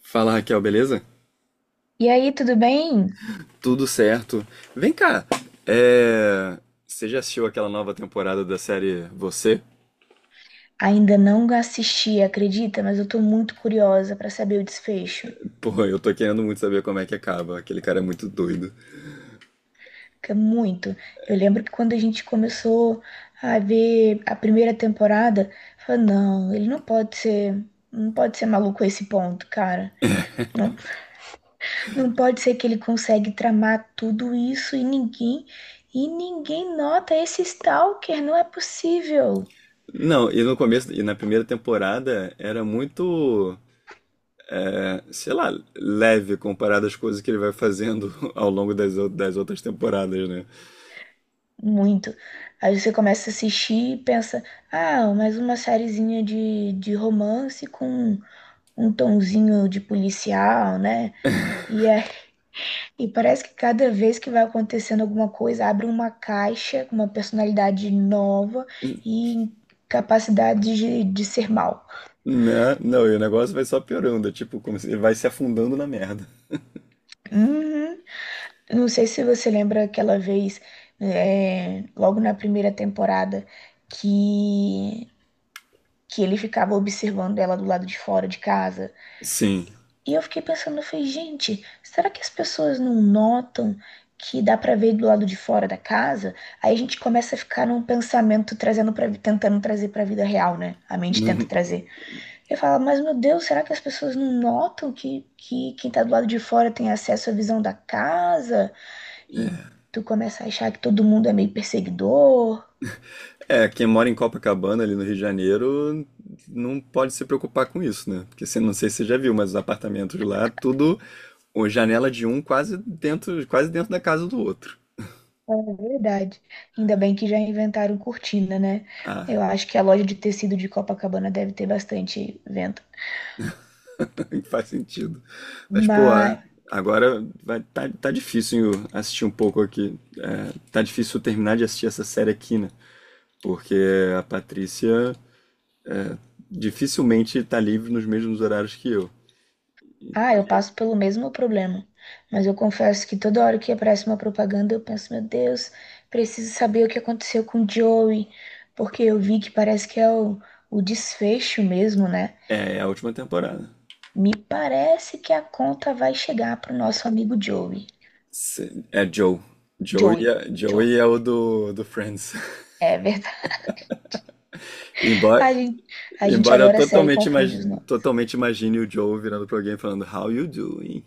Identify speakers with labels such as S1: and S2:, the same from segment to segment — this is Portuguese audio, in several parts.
S1: Fala Raquel, beleza?
S2: E aí, tudo bem?
S1: Tudo certo. Vem cá, é... você já assistiu aquela nova temporada da série Você?
S2: Ainda não assisti, acredita? Mas eu tô muito curiosa pra saber o desfecho.
S1: Pô, eu tô querendo muito saber como é que acaba, aquele cara é muito doido.
S2: Que é muito. Eu lembro que quando a gente começou a ver a primeira temporada, eu falei, não, ele não pode ser, não pode ser maluco a esse ponto, cara. Não, não pode ser que ele consegue tramar tudo isso e ninguém nota esse stalker, não é possível.
S1: Não, e no começo, e na primeira temporada era muito, sei lá, leve comparado às coisas que ele vai fazendo ao longo das outras temporadas, né?
S2: Muito. Aí você começa a assistir e pensa, ah, mais uma sériezinha de romance com um tonzinho de policial, né? E, é, e parece que cada vez que vai acontecendo alguma coisa, abre uma caixa com uma personalidade nova e capacidade de ser mal.
S1: Né? Não, e o negócio vai só piorando, é tipo, como se ele vai se afundando na merda.
S2: Uhum. Não sei se você lembra aquela vez, logo na primeira temporada, que, que ele ficava observando ela do lado de fora de casa.
S1: Sim.
S2: E eu fiquei pensando, eu falei, gente, será que as pessoas não notam que dá pra ver do lado de fora da casa? Aí a gente começa a ficar num pensamento trazendo para tentando trazer pra vida real, né? A mente tenta trazer. Eu falo, mas meu Deus, será que as pessoas não notam que quem tá do lado de fora tem acesso à visão da casa? E tu começa a achar que todo mundo é meio perseguidor.
S1: É, quem mora em Copacabana, ali no Rio de Janeiro, não pode se preocupar com isso, né? Porque você não sei se você já viu, mas os apartamentos de lá, tudo, o janela de um quase dentro da casa do outro.
S2: É verdade. Ainda bem que já inventaram cortina, né?
S1: Ah,
S2: Eu acho que a loja de tecido de Copacabana deve ter bastante vento.
S1: faz sentido. Mas, pô,
S2: Mas,
S1: agora vai, tá difícil eu assistir um pouco aqui. É, tá difícil eu terminar de assistir essa série aqui, né? Porque a Patrícia é, dificilmente tá livre nos mesmos horários que eu.
S2: ah,
S1: Então, a
S2: eu
S1: gente-
S2: passo pelo mesmo problema. Mas eu confesso que toda hora que aparece uma propaganda, eu penso, meu Deus, preciso saber o que aconteceu com o Joey, porque eu vi que parece que é o desfecho mesmo, né?
S1: É a última temporada.
S2: Me parece que a conta vai chegar pro nosso amigo Joey.
S1: Sim, é Joe. Joey
S2: Joey,
S1: é,
S2: Joey.
S1: Joey é o do Friends.
S2: É verdade.
S1: Embora,
S2: A gente, a gente
S1: embora eu
S2: adora a série e confunde os nomes.
S1: totalmente imagine o Joe virando pra alguém e falando How you doing?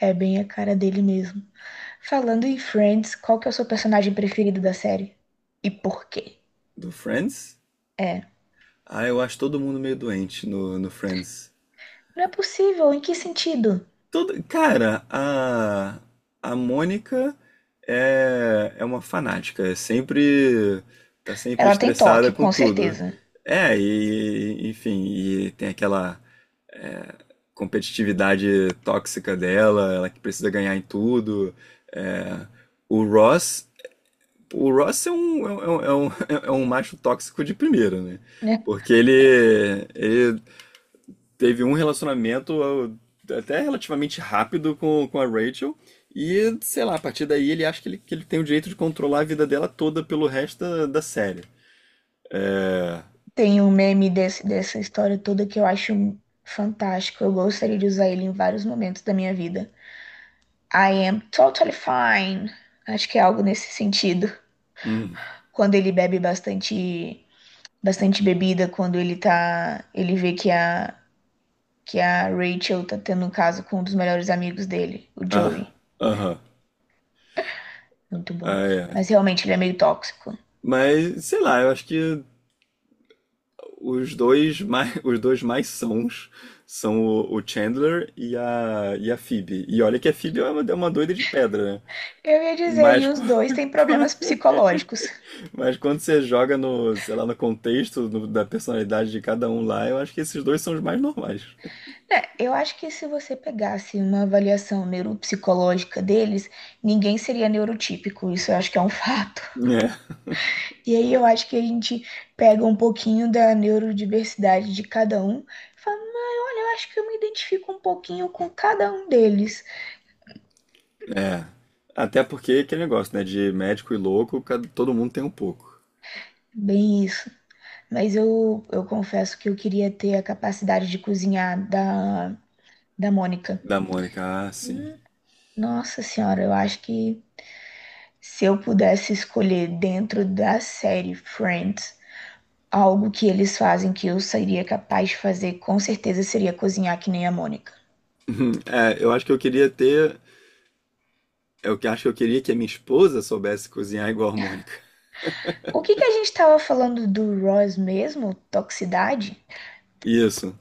S2: É bem a cara dele mesmo. Falando em Friends, qual que é o seu personagem preferido da série? E por quê?
S1: Do Friends?
S2: É.
S1: Ah, eu acho todo mundo meio doente no Friends.
S2: Não é possível, em que sentido?
S1: Cara, a Mônica é uma fanática. Tá sempre
S2: Ela tem
S1: estressada
S2: toque,
S1: com
S2: com
S1: tudo.
S2: certeza,
S1: É, e enfim, e tem aquela competitividade tóxica dela, ela que precisa ganhar em tudo. É, o Ross, o Ross é um macho tóxico de primeira, né?
S2: né?
S1: Porque ele teve um relacionamento até relativamente rápido com a Rachel. E, sei lá, a partir daí ele acha que ele tem o direito de controlar a vida dela toda pelo resto da série. É.
S2: Tem um meme desse, dessa história toda que eu acho fantástico. Eu gostaria de usar ele em vários momentos da minha vida. I am totally fine. Acho que é algo nesse sentido.
S1: Hum.
S2: Quando ele bebe bastante, bastante bebida, quando ele tá, ele vê que a Rachel tá tendo um caso com um dos melhores amigos dele, o
S1: Ah.
S2: Joey.
S1: Aham.
S2: Muito bom.
S1: Ah, é.
S2: Mas realmente ele é meio tóxico.
S1: Mas, sei lá, eu acho que os dois mais sãos são o Chandler e a Phoebe. E olha que a Phoebe é uma doida de pedra, né?
S2: Eu ia dizer,
S1: Mas,
S2: e
S1: qu-
S2: os dois têm problemas psicológicos.
S1: mas quando você joga no, sei lá, no contexto da personalidade de cada um lá, eu acho que esses dois são os mais normais.
S2: É, eu acho que se você pegasse uma avaliação neuropsicológica deles, ninguém seria neurotípico, isso eu acho que é um fato. E aí eu acho que a gente pega um pouquinho da neurodiversidade de cada um e fala, "Não, olha, eu acho que eu me identifico um pouquinho com cada um deles."
S1: É, é. Até porque aquele negócio, né? De médico e louco, todo mundo tem um pouco.
S2: Bem isso. Mas eu confesso que eu queria ter a capacidade de cozinhar da Mônica.
S1: Da Mônica, ah, sim.
S2: Hum, nossa senhora, eu acho que se eu pudesse escolher dentro da série Friends, algo que eles fazem que eu seria capaz de fazer, com certeza, seria cozinhar que nem a Mônica.
S1: É, eu acho que eu queria ter. Acho que eu queria que a minha esposa soubesse cozinhar igual a Mônica.
S2: O que que a gente estava falando do Ross mesmo? Toxicidade?
S1: Isso.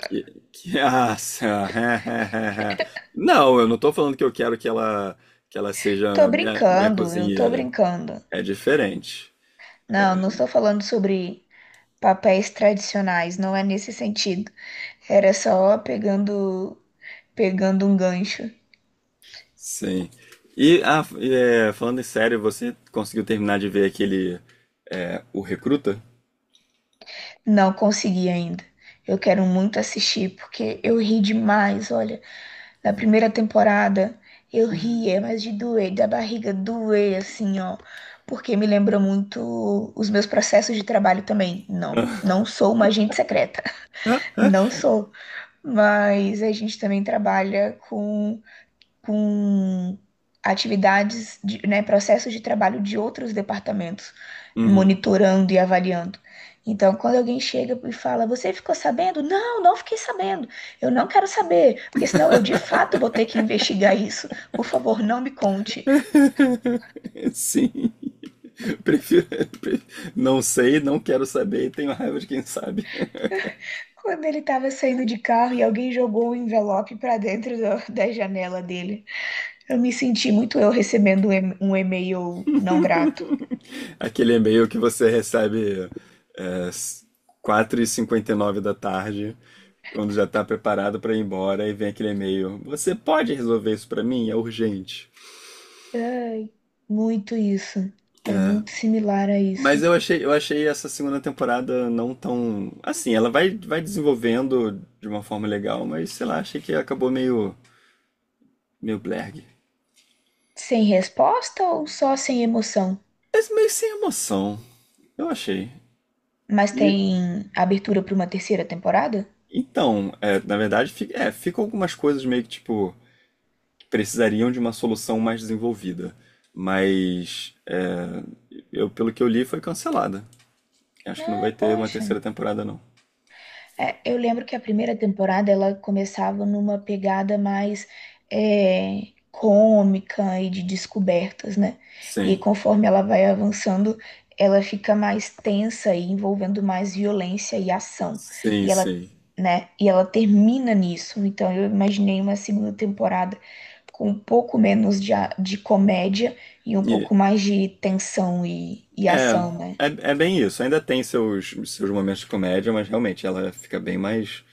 S1: Que, Nossa. Não, eu não tô falando que eu quero que ela
S2: Tô
S1: seja minha
S2: brincando, eu tô
S1: cozinheira.
S2: brincando.
S1: É diferente.
S2: Não, não estou falando sobre papéis tradicionais, não é nesse sentido. Era só pegando, pegando um gancho.
S1: Sim. E, falando em sério, você conseguiu terminar de ver aquele o Recruta?
S2: Não consegui ainda. Eu quero muito assistir porque eu ri demais, olha. Na primeira temporada, eu ria, mas de doer, da barriga doer, assim, ó. Porque me lembra muito os meus processos de trabalho também. Não, não sou uma agente secreta. Não sou. Mas a gente também trabalha com atividades, de, né, processos de trabalho de outros departamentos,
S1: Uhum.
S2: monitorando e avaliando. Então, quando alguém chega e fala, você ficou sabendo? Não, não fiquei sabendo. Eu não quero saber, porque senão eu de fato vou ter que investigar isso. Por favor, não me conte.
S1: Sim. Prefiro, pre- não sei, não quero saber e tenho raiva de quem sabe.
S2: Quando ele estava saindo de carro e alguém jogou um envelope para dentro do- da janela dele, eu me senti muito eu recebendo um e- um e-mail não grato.
S1: Aquele e-mail que você recebe é, 4:59 da tarde, quando já tá preparado pra ir embora e vem aquele e-mail. Você pode resolver isso pra mim? É urgente.
S2: Ai, muito isso. É muito similar a
S1: Mas
S2: isso.
S1: eu achei essa segunda temporada não tão. Assim, ela vai desenvolvendo de uma forma legal, mas sei lá, achei que acabou meio blerg.
S2: Sem resposta ou só sem emoção?
S1: Mas meio sem emoção, eu achei.
S2: Mas
S1: E,
S2: tem abertura para uma terceira temporada?
S1: então, na verdade, ficam algumas coisas meio que tipo, que precisariam de uma solução mais desenvolvida. Mas, eu, pelo que eu li, foi cancelada. Acho que não
S2: Ah,
S1: vai ter uma
S2: poxa.
S1: terceira temporada, não.
S2: É, eu lembro que a primeira temporada ela começava numa pegada mais cômica e de descobertas, né? E
S1: Sim,
S2: conforme ela vai avançando, ela fica mais tensa e envolvendo mais violência e ação.
S1: sim,
S2: E ela,
S1: sim.
S2: né? E ela termina nisso. Então eu imaginei uma segunda temporada com um pouco menos de, a- de comédia e um
S1: E-
S2: pouco mais de tensão e
S1: é,
S2: ação, né?
S1: é bem isso. Ainda tem seus momentos de comédia, mas realmente ela fica bem mais,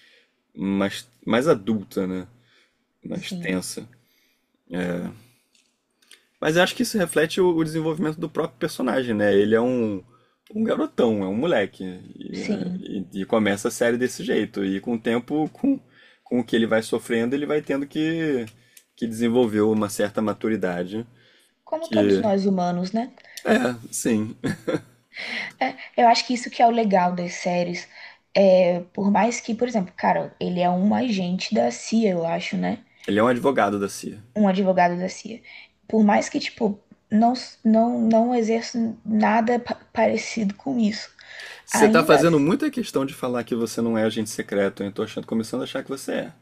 S1: mais, mais adulta, né? Mais
S2: Sim,
S1: tensa. Mas eu acho que isso reflete o desenvolvimento do próprio personagem, né? Ele é um garotão, é um moleque. E, é,
S2: sim.
S1: e- e começa a série desse jeito. E com o tempo, com o que ele vai sofrendo, ele vai tendo que desenvolver uma certa maturidade.
S2: Como todos
S1: Que,
S2: nós humanos, né?
S1: sim.
S2: É, eu acho que isso que é o legal das séries. É, por mais que, por exemplo, cara, ele é um agente da CIA, eu acho, né?
S1: Ele é um advogado da CIA.
S2: Um advogado da CIA. Por mais que, tipo, não, s- não, não exerça nada pa- parecido com isso,
S1: Você tá
S2: ainda
S1: fazendo
S2: assim,
S1: muita questão de falar que você não é agente secreto, hein? Começando a achar que você é.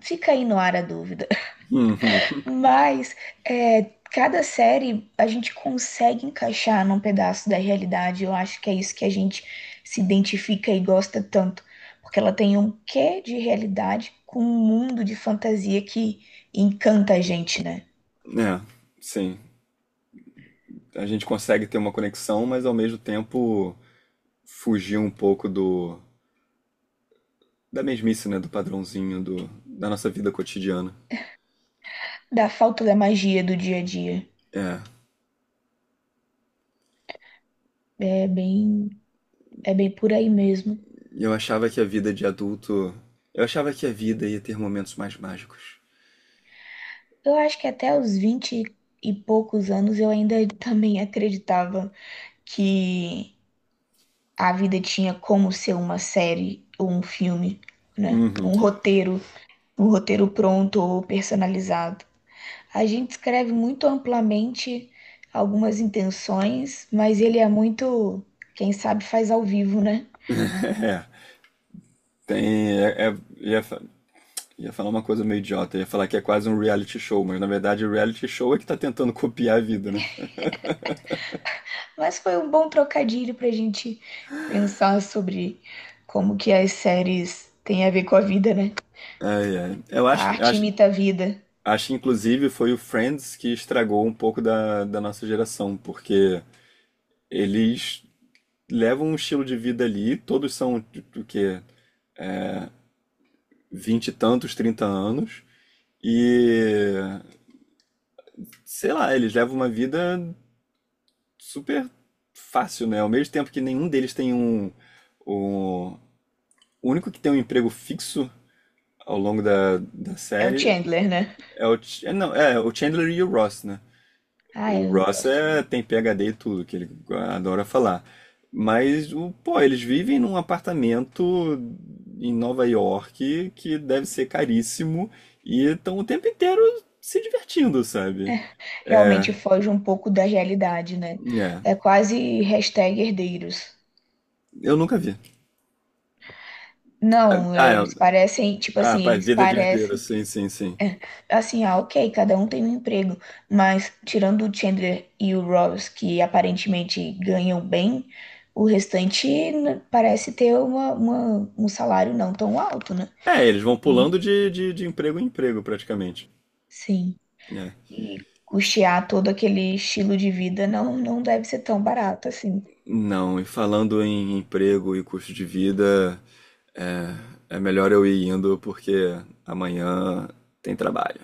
S2: fica aí no ar a dúvida.
S1: Uhum.
S2: Mas é, cada série a gente consegue encaixar num pedaço da realidade. Eu acho que é isso que a gente se identifica e gosta tanto. Porque ela tem um quê de realidade com um mundo de fantasia que encanta a gente, né?
S1: É, sim. A gente consegue ter uma conexão, mas ao mesmo tempo fugir um pouco do da mesmice, né? Do padrãozinho da nossa vida cotidiana.
S2: Da falta da magia do dia a dia.
S1: É.
S2: É bem, é bem por aí mesmo.
S1: Eu achava que a vida de adulto. Eu achava que a vida ia ter momentos mais mágicos.
S2: Eu acho que até os 20 e poucos anos eu ainda também acreditava que a vida tinha como ser uma série ou um filme, né?
S1: Uhum.
S2: Um roteiro pronto ou personalizado. A gente escreve muito amplamente algumas intenções, mas ele é muito, quem sabe faz ao vivo, né?
S1: É. Tem. Ia falar uma coisa meio idiota. Ia falar que é quase um reality show, mas na verdade o reality show é que tá tentando copiar a vida, né?
S2: Mas foi um bom trocadilho pra gente pensar sobre como que as séries têm a ver com a vida, né?
S1: Ai, ai. Eu
S2: A
S1: acho que,
S2: arte
S1: acho,
S2: imita a vida.
S1: acho que inclusive foi o Friends que estragou um pouco da nossa geração, porque eles levam um estilo de vida ali, todos são tipo, o quê? Vinte e tantos, 30 anos, e sei lá, eles levam uma vida super fácil, né? Ao mesmo tempo que nenhum deles tem um. O único que tem um emprego fixo ao longo da
S2: É o
S1: série
S2: Chandler, né?
S1: não, é o Chandler e o Ross, né?
S2: Ah,
S1: O
S2: eu
S1: Ross
S2: gosto mesmo.
S1: tem PhD e tudo, que ele adora falar. Mas, pô, eles vivem num apartamento em Nova York que deve ser caríssimo e estão o tempo inteiro se divertindo, sabe? É,
S2: Realmente foge um pouco da realidade, né?
S1: é.
S2: É quase hashtag herdeiros.
S1: Eu nunca vi. É,
S2: Não,
S1: Ah,
S2: é,
S1: é,
S2: eles parecem, tipo
S1: ah,
S2: assim,
S1: pá,
S2: eles
S1: vida de herdeiro,
S2: parecem.
S1: sim, sim, sim.
S2: É, assim, ah, ok, cada um tem um emprego, mas tirando o Chandler e o Ross, que aparentemente ganham bem, o restante n- parece ter um salário não tão alto, né?
S1: É, eles vão
S2: E
S1: pulando de emprego em emprego, praticamente.
S2: sim,
S1: É.
S2: e custear todo aquele estilo de vida não, não deve ser tão barato assim.
S1: Não, e falando em emprego e custo de vida, É é melhor eu ir indo porque amanhã tem trabalho.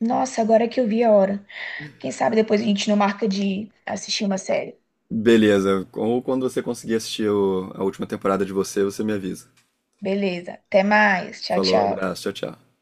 S2: Nossa, agora que eu vi a hora. Quem sabe depois a gente não marca de assistir uma série.
S1: Beleza, ou quando você conseguir assistir a última temporada de você, você me avisa.
S2: Beleza, até mais. Tchau,
S1: Falou,
S2: tchau.
S1: abraço, tchau, tchau.